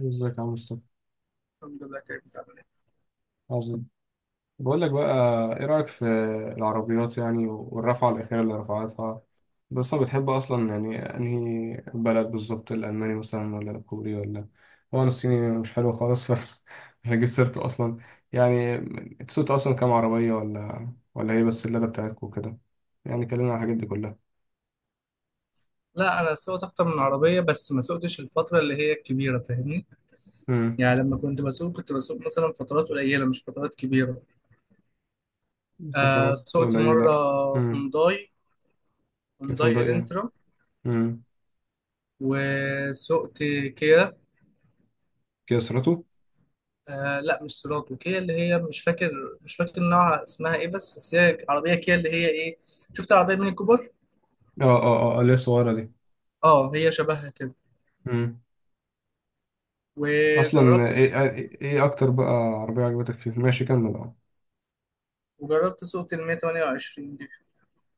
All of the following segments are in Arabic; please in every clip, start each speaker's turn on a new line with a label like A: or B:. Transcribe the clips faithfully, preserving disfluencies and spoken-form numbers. A: ازيك يا مصطفى؟
B: الحمد لله كريم. بتعمل ايه؟
A: عظيم. بقول لك بقى، ايه رأيك في العربيات، يعني والرفعة الأخيرة اللي رفعتها؟ بس انا بتحب اصلا، يعني انهي بلد بالظبط؟ الألماني مثلا ولا الكوري ولا؟ هو أنا الصيني مش حلو خالص مش هجيب سيرته اصلا يعني. سوقت اصلا كام عربية؟ ولا ولا هي بس اللادة بتاعتكم وكده؟ يعني كلمنا عن الحاجات دي كلها.
B: لا انا سوقت اكتر من عربيه بس ما سوقتش الفتره اللي هي الكبيره، فاهمني؟
A: امم
B: يعني لما كنت بسوق كنت بسوق مثلا فترات قليله مش فترات كبيره. آه
A: فترات
B: سوقت مره
A: قليلة. امم
B: هونداي،
A: كانت
B: هونداي
A: هنداي.
B: الانترا،
A: امم
B: وسوقت كيا.
A: كيا سيرته؟
B: آه لا مش سيراتو، كيا اللي هي مش فاكر مش فاكر نوعها اسمها ايه، بس بس هي عربيه كيا اللي هي ايه. شفت عربيه ميني كوبر؟
A: اه اه اه، اللي هي الصغيرة
B: اه هي شبهها كده.
A: دي. اصلا
B: وجربت
A: ايه
B: السوق،
A: ايه إيه اكتر بقى عربيه عجبتك فيه؟ ماشي، كمل اه.
B: وجربت سوقت المية مية تمنية وعشرين دي،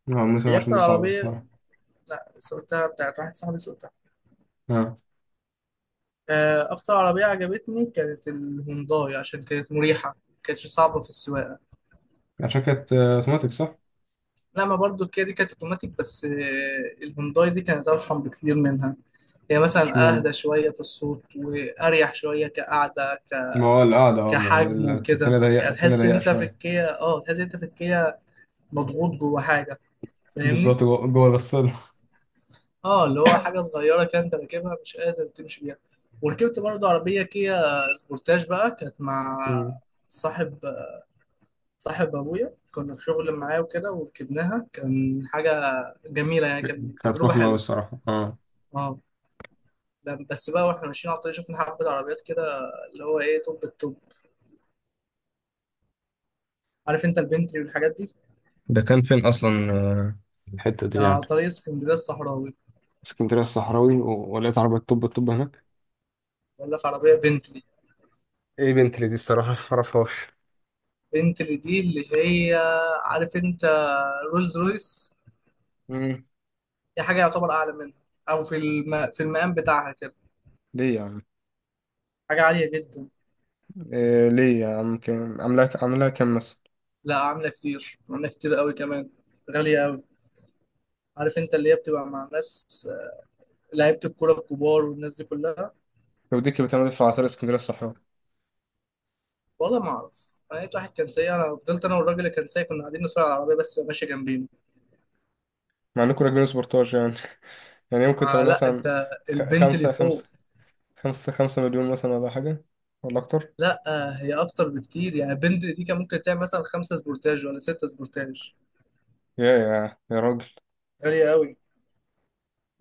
A: اه مثلا،
B: هي
A: عشان دي
B: اكتر
A: صعبه
B: عربيه.
A: الصراحه.
B: لا سوقتها بتاعت واحد صاحبي سوقتها.
A: اه،
B: آه، أكتر عربية عجبتني كانت الهونداي عشان كانت مريحة، ما كانتش صعبة في السواقة.
A: عشان كانت آه، اوتوماتيك، صح؟
B: لما برضو الكيا دي كانت أوتوماتيك بس آه، الهونداي دي كانت أرحم بكتير منها. هي مثلا
A: اشمعنى؟
B: أهدى شوية في الصوت وأريح شوية كقعدة، ك...
A: ما هو القعده اه ما هي
B: كحجم
A: ال- التانية
B: وكده.
A: ضيقه،
B: يعني
A: التانية
B: تحس إن
A: ضيقه
B: أنت في
A: شويه.
B: الكيا، أه تحس إن أنت في الكيا مضغوط جوه حاجة، فاهمني؟
A: بالظبط، جوه جوه الغسالة.
B: اه اللي هو حاجه صغيره كده انت راكبها مش قادر تمشي بيها. وركبت برضه عربيه كيا سبورتاج بقى، كانت مع
A: مم.
B: صاحب، صاحب ابويا. كنا في شغل معاه وكده وركبناها، كان حاجه جميله يعني، كانت
A: كانت
B: تجربه
A: فخمة أوي
B: حلوه.
A: الصراحة، اه.
B: اه ب- بس بقى واحنا ماشيين على الطريق شفنا حبه عربيات كده اللي هو ايه توب، التوب، عارف انت، البنتلي والحاجات دي.
A: ده كان فين أصلا آه، الحتة دي
B: كان
A: يعني؟
B: على طريق اسكندريه الصحراوي.
A: اسكندرية الصحراوي و- ولقيت عربية؟ طب الطب هناك؟
B: بقول لك عربيه بنتلي.
A: ايه بنتلي دي؟ الصراحة معرفهاش.
B: بنتلي دي اللي هي، عارف انت، رولز رويس،
A: مم.
B: دي حاجة يعتبر أعلى منها، أو في الم... في المقام بتاعها كده.
A: ليه يا عم؟
B: حاجة عالية جدا.
A: إيه ليه يا عم؟ كام عاملاها؟ عاملاها كام مثلا؟
B: لا عاملة كتير، عاملة كتير قوي كمان، غالية قوي. عارف أنت اللي هي بتبقى مع ناس آه، لعيبة الكورة الكبار والناس دي كلها.
A: لو دي كانت بتعمل في عطار اسكندريه الصحراء؟
B: والله ما أعرف، أنا لقيت واحد كان سايق، أنا فضلت أنا والراجل اللي كان سايق كنا قاعدين نتفرج على العربية بس ماشية جنبينا.
A: مع انكم راكبين سبورتاج يعني. يعني ممكن
B: آه
A: تمن
B: لا
A: مثلا
B: أنت
A: خ-
B: البنت اللي
A: خمسة
B: فوق.
A: خمسة خمسة خمسة مليون مثلا ولا حاجة؟ ولا أكتر؟
B: لا آه، هي أكتر بكتير يعني، البنت دي كان ممكن تعمل مثلا خمسة سبورتاج ولا ستة سبورتاج.
A: يا يا يا راجل.
B: غالية قوي.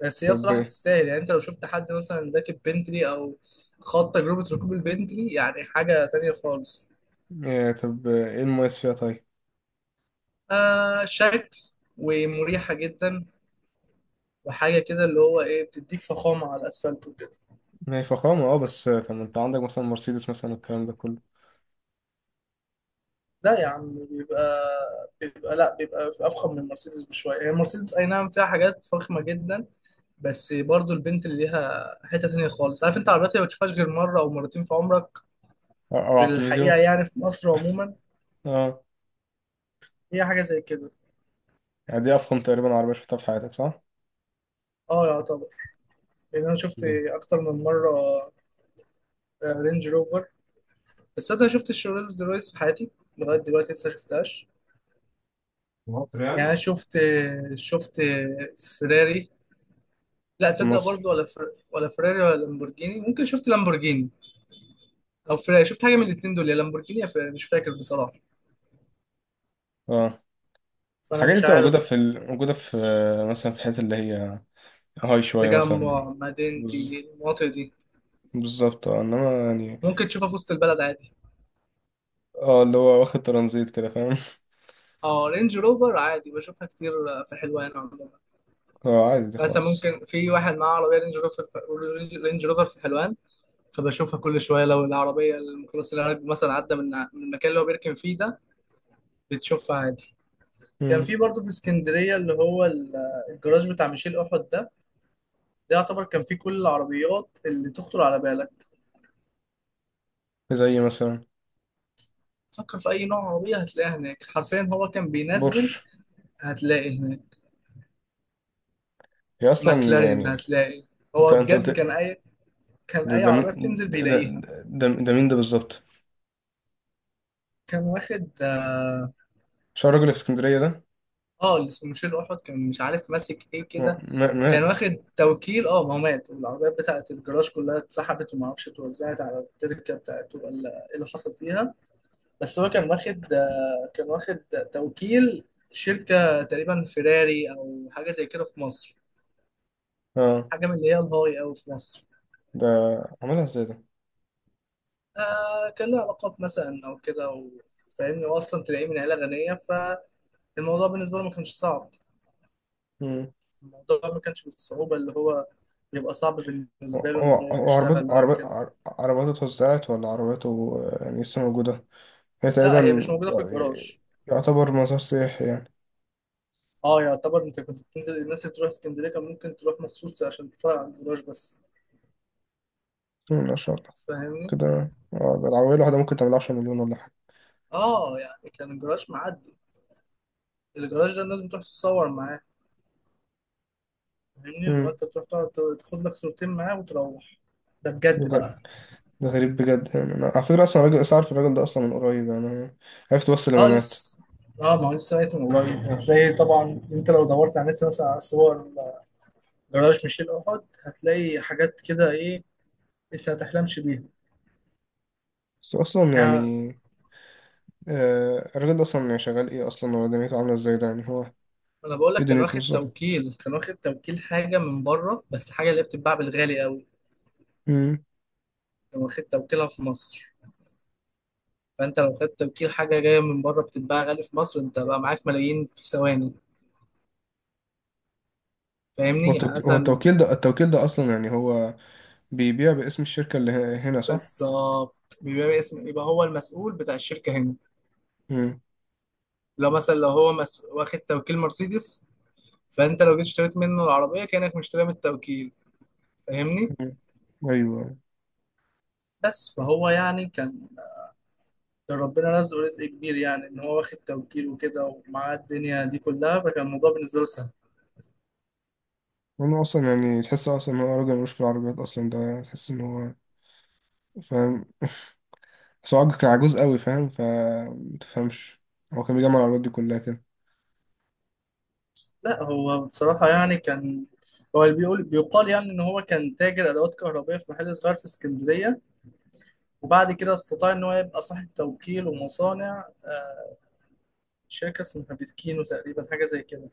B: بس هي
A: طب
B: بصراحة
A: إيه؟
B: تستاهل يعني، انت لو شفت حد مثلا راكب بنتلي او خاض تجربة ركوب البنتلي يعني حاجة تانية خالص.
A: يا طب إيه المميز فيها طيب؟
B: آه شكل، ومريحة جدا، وحاجة كده اللي هو ايه بتديك فخامة على الاسفلت وكده.
A: ما هي فخامة، أه، بس طب ما أنت عندك مثلا مرسيدس مثلا، الكلام ده كله.
B: لا يا عم بيبقى، بيبقى لا بيبقى افخم من المرسيدس بشوية. هي المرسيدس اي نعم فيها حاجات فخمة جدا بس برضو البنت اللي ليها حتة تانية خالص. عارف انت عربيات اللي ما بتشوفهاش غير مرة او مرتين في عمرك،
A: أو أو
B: في
A: على
B: الحقيقة
A: التلفزيون.
B: يعني في مصر عموما.
A: أه.
B: هي حاجة زي كده.
A: يعني دي أفخم تقريبا عربية شفتها في حياتك، صح؟
B: اه يعتبر، لان انا شفت
A: في
B: اكتر من مره رينج روفر، بس انا شفت الرولز رويس في حياتي لغايه دلوقتي لسه شفتهاش.
A: مصر
B: يعني
A: يعني؟
B: انا شفت، شفت فيراري لا
A: في
B: تصدق،
A: مصر.
B: برضو ولا فر... ولا فيراري ولا لامبورجيني. ممكن شفت لامبورجيني او فيراري، شفت حاجه من الاثنين دول، يا لامبورجيني يا فيراري، مش فاكر بصراحه،
A: أه.
B: فانا
A: الحاجات دي
B: مش
A: بتبقى موجودة
B: عارف.
A: في ال... موجودة في، مثلا في الحتت اللي هي هاي شوية مثلا؟
B: تجمع
A: بز...
B: مدينتي المناطق دي،
A: بالظبط، أه، إنما يعني.
B: ممكن تشوفها في وسط البلد عادي.
A: اه، اللي هو واخد ترانزيت كده، فاهم؟
B: اه رينج روفر عادي بشوفها كتير في حلوان عموما.
A: اه، عادي دي
B: مثلا
A: خالص.
B: ممكن في واحد معاه عربيه رينج روفر، رينج روفر في حلوان، فبشوفها كل شويه. لو العربيه الميكروباص العربي مثلا عدى من من المكان اللي هو بيركن فيه ده، بتشوفها عادي. كان
A: مم.
B: في برضه في اسكندريه اللي هو ال- الجراج بتاع ميشيل احد ده، ده يعتبر كان فيه كل العربيات اللي تخطر على بالك.
A: زي مثلا
B: فكر في اي نوع عربيه هتلاقيها هناك، حرفيا. هو كان بينزل
A: بورش؟
B: هتلاقي هناك
A: هي اصلا
B: ماكلارين،
A: يعني.
B: هتلاقي.
A: انت
B: هو
A: انت
B: بجد كان
A: قلت.
B: اي، كان
A: ده
B: اي
A: ده
B: عربيه
A: مين-
B: بتنزل
A: ده ده,
B: بيلاقيها.
A: ده, ده مين ده بالظبط؟
B: كان واخد، اه
A: مش هو الراجل اللي في اسكندرية ده؟
B: آه، اللي اسمه ميشيل احد كان مش عارف ماسك ايه
A: ما-
B: كده.
A: ما-
B: كان
A: مات.
B: واخد توكيل. اه ما هو مات والعربيات بتاعت الجراج كلها اتسحبت، وما اعرفش اتوزعت على التركه بتاعته ولا ايه اللي حصل فيها. بس هو كان واخد، كان واخد توكيل شركه تقريبا فيراري او حاجه زي كده في مصر،
A: اه.
B: حاجه من اللي هي الهاي او في مصر.
A: ده عملها ازاي ده؟
B: آه كان له علاقات مثلا او كده و-. فاهمني واصلا تلاقيه من عيله غنيه، فالموضوع بالنسبه له ما كانش صعب.
A: مم.
B: الموضوع ما كانش بالصعوبه اللي هو يبقى صعب
A: هو
B: بالنسبه له ان
A: هو
B: هو
A: هو عربيته
B: يشتغل او
A: عربيته
B: كده.
A: عر- عربيته اتوزعت ولا عربيته آه، يعني لسه موجودة؟ هي
B: لا هي مش
A: تقريبا
B: موجوده في الجراج.
A: يعتبر مزار سياحي يعني؟
B: اه يعتبر، انت كنت بتنزل الناس اللي بتروح اسكندريه كان ممكن تروح مخصوص عشان تتفرج على الجراج بس،
A: مم، ما شاء الله.
B: فاهمني.
A: كده اه، ده العربية الواحدة ممكن تعمل عشرة مليون ولا حاجة؟
B: اه يعني كان الجراج معدي، الجراج ده الناس بتروح تتصور معاه، فاهمني. اللي هو
A: مم.
B: انت بتروح تقعد ت- تاخد لك صورتين معاه وتروح. ده بجد بقى.
A: ده غريب بجد، يعني انا على فكره، اصلا راجل اعرف الراجل ده اصلا من قريب يعني. أنا عرفت بس لما
B: اه
A: مات.
B: لسه، اه ما هو لسه لقيته من قريب. هتلاقي طبعا انت لو دورت على النت مثلا على صور جراج ميشيل احد، هتلاقي حاجات كده ايه انت ما تحلمش بيها.
A: بس اصلا
B: يعني
A: يعني، آه الراجل ده اصلا يعني شغال ايه اصلا؟ هو دنيته عامله ازاي ده، يعني هو
B: انا بقول
A: ايه
B: لك كان
A: دنيته
B: واخد
A: بالظبط؟
B: توكيل، كان واخد توكيل حاجه من بره، بس حاجه اللي هي بتتباع بالغالي قوي.
A: امم
B: لو خدت توكيلها في مصر، فانت لو خدت توكيل حاجه جايه من بره بتتباع غالي في مصر انت بقى معاك ملايين في ثواني،
A: هو
B: فاهمني. يعني
A: التوك- هو
B: مثلا
A: التوكيل ده التوكيل ده اصلا، يعني هو بيبيع باسم الشركه اللي ه- هنا، صح؟
B: بالظبط بيبقى اسم، يبقى هو المسؤول بتاع الشركه هنا.
A: امم
B: لو مثلا لو هو مس... واخد توكيل مرسيدس، فانت لو جيت اشتريت منه العربيه كانك مشتريها من التوكيل، فاهمني.
A: أمم. ايوه.
B: بس فهو يعني كان، كان ربنا رزقه رزق كبير يعني ان هو واخد توكيل وكده ومعاه الدنيا دي كلها، فكان الموضوع بالنسبه له سهل.
A: هو اصلا يعني تحس اصلا ان هو راجل ملوش في العربيات اصلا ده؟ تحس ان هو فاهم؟ بس هو عج- كان عجوز قوي فاهم، فمتفهمش. هو كان بيجمع العربيات دي كلها كده؟
B: لا هو بصراحة يعني كان، هو اللي بيقول بيقال يعني إن هو كان تاجر أدوات كهربائية في محل صغير في اسكندرية، وبعد كده استطاع إن هو يبقى صاحب توكيل ومصانع. آه، شركة اسمها بيتكينو تقريبا، حاجة زي كده.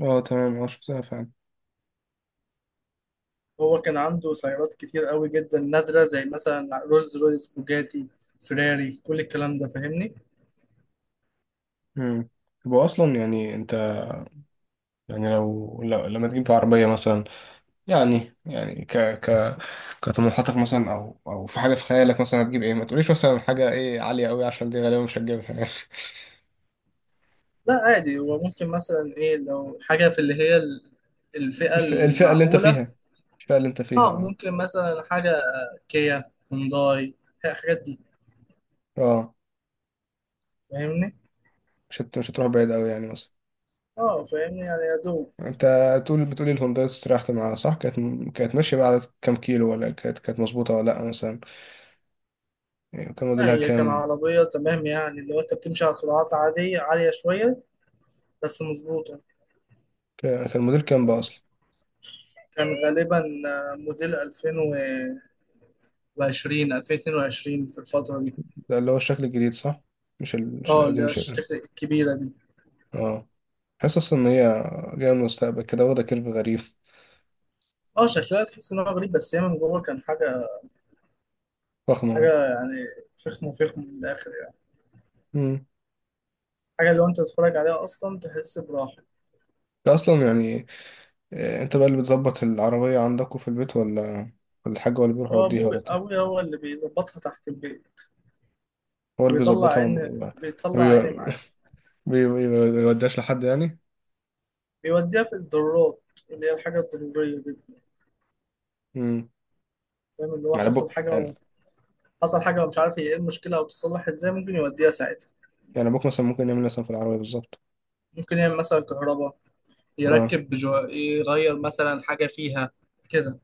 A: اه تمام، اه شفتها فعلا.
B: هو كان عنده سيارات كتير قوي جدا نادرة، زي مثلا رولز رويس، بوجاتي، فيراري، كل الكلام ده، فاهمني.
A: امم هو اصلا يعني انت، يعني لو لو- لما تجيب عربيه مثلا، يعني يعني ك ك كطموحاتك مثلا، او او في حاجه في خيالك، مثلا هتجيب ايه؟ ما تقوليش مثلا حاجه ايه عاليه قوي عشان دي غالبا مش هتجيبها يعني.
B: لا عادي، هو ممكن مثلا إيه لو حاجة في اللي هي ال- الفئة
A: الف- الفئه اللي انت
B: المعقولة.
A: فيها، الفئه اللي انت فيها،
B: اه
A: اه.
B: ممكن مثلا حاجة كيا، هونداي، الحاجات دي،
A: اه،
B: فاهمني.
A: مش هت... مش هتروح بعيد قوي يعني مثلا؟
B: اه فاهمني، يعني يا دوب.
A: انت تقول بتقولي الهونداي استريحت معاها، صح؟ كانت م- كانت ماشيه بعد كام كيلو؟ ولا كانت كانت مظبوطه ولا لا مثلا؟ يعني كان
B: لا
A: موديلها
B: هي كان
A: كام؟
B: عربية تمام، يعني لو انت بتمشي على سرعات عادية عالية شوية بس مظبوطة.
A: كان كان موديل كام بقى اصلا؟
B: كان غالبا آه، موديل ألفين وعشرين، ألفين واتنين وعشرين في الفترة دي.
A: ده اللي هو الشكل الجديد، صح؟ مش ال... مش
B: اه اللي
A: القديم،
B: هي
A: مش ال...
B: الشكل الكبيرة دي.
A: اه. حاسس اصلا ان هي جايه من المستقبل كده، واخده كيرف غريب.
B: اه شكلها تحس ان هو غريب، بس هي من جوه كان حاجة،
A: فخمه يعني؟
B: حاجة يعني فخم، فخم من الآخر يعني.
A: امم
B: حاجة اللي هو انت تتفرج عليها أصلا تحس براحة.
A: ده اصلا يعني آه، انت بقى اللي بتظبط العربيه عندكم في البيت، ولا ولا الحاج هو اللي بيروح
B: هو
A: يوديها
B: أبوي،
A: ولا بتاع؟
B: أبوي هو اللي بيظبطها تحت البيت،
A: هو اللي
B: وبيطلع
A: بيظبطها
B: عيني،
A: ولا- ما
B: بيطلع
A: بي-
B: عيني
A: بي- بي- ما بيوديهاش لحد يعني؟
B: بيوديها في الضرورات، اللي هي الحاجة الضرورية جدا،
A: امم
B: فاهم. اللي هو
A: يعني
B: حصل
A: ابوك
B: حاجة
A: يعني؟
B: و..، حصل حاجة ومش عارف هي ايه المشكلة أو بتتصلح ازاي، ممكن يوديها ساعتها.
A: يعني ابوك مثلا ممكن يعمل مثلا في العربيه بالظبط؟
B: ممكن يعمل مثلا كهرباء،
A: اه.
B: يركب بجو... يغير مثلا حاجة فيها كده،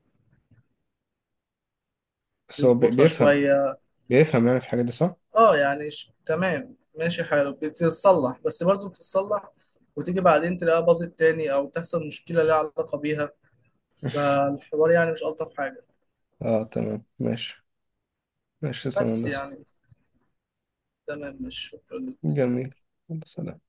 A: بس هو بي-
B: يظبطها
A: بيفهم،
B: شوية.
A: بيفهم يعني في الحاجات دي، صح؟
B: اه يعني ش... تمام ماشي حاله، بتتصلح بس برضه بتتصلح وتيجي بعدين تلاقيها باظت تاني أو تحصل مشكلة ليها علاقة بيها. فالحوار يعني مش ألطف حاجة.
A: اه تمام، ماشي. ماشي، تسلم يا
B: بس
A: هندسه.
B: يعني تمام، مش شكرا.
A: جميل. يلا، سلام.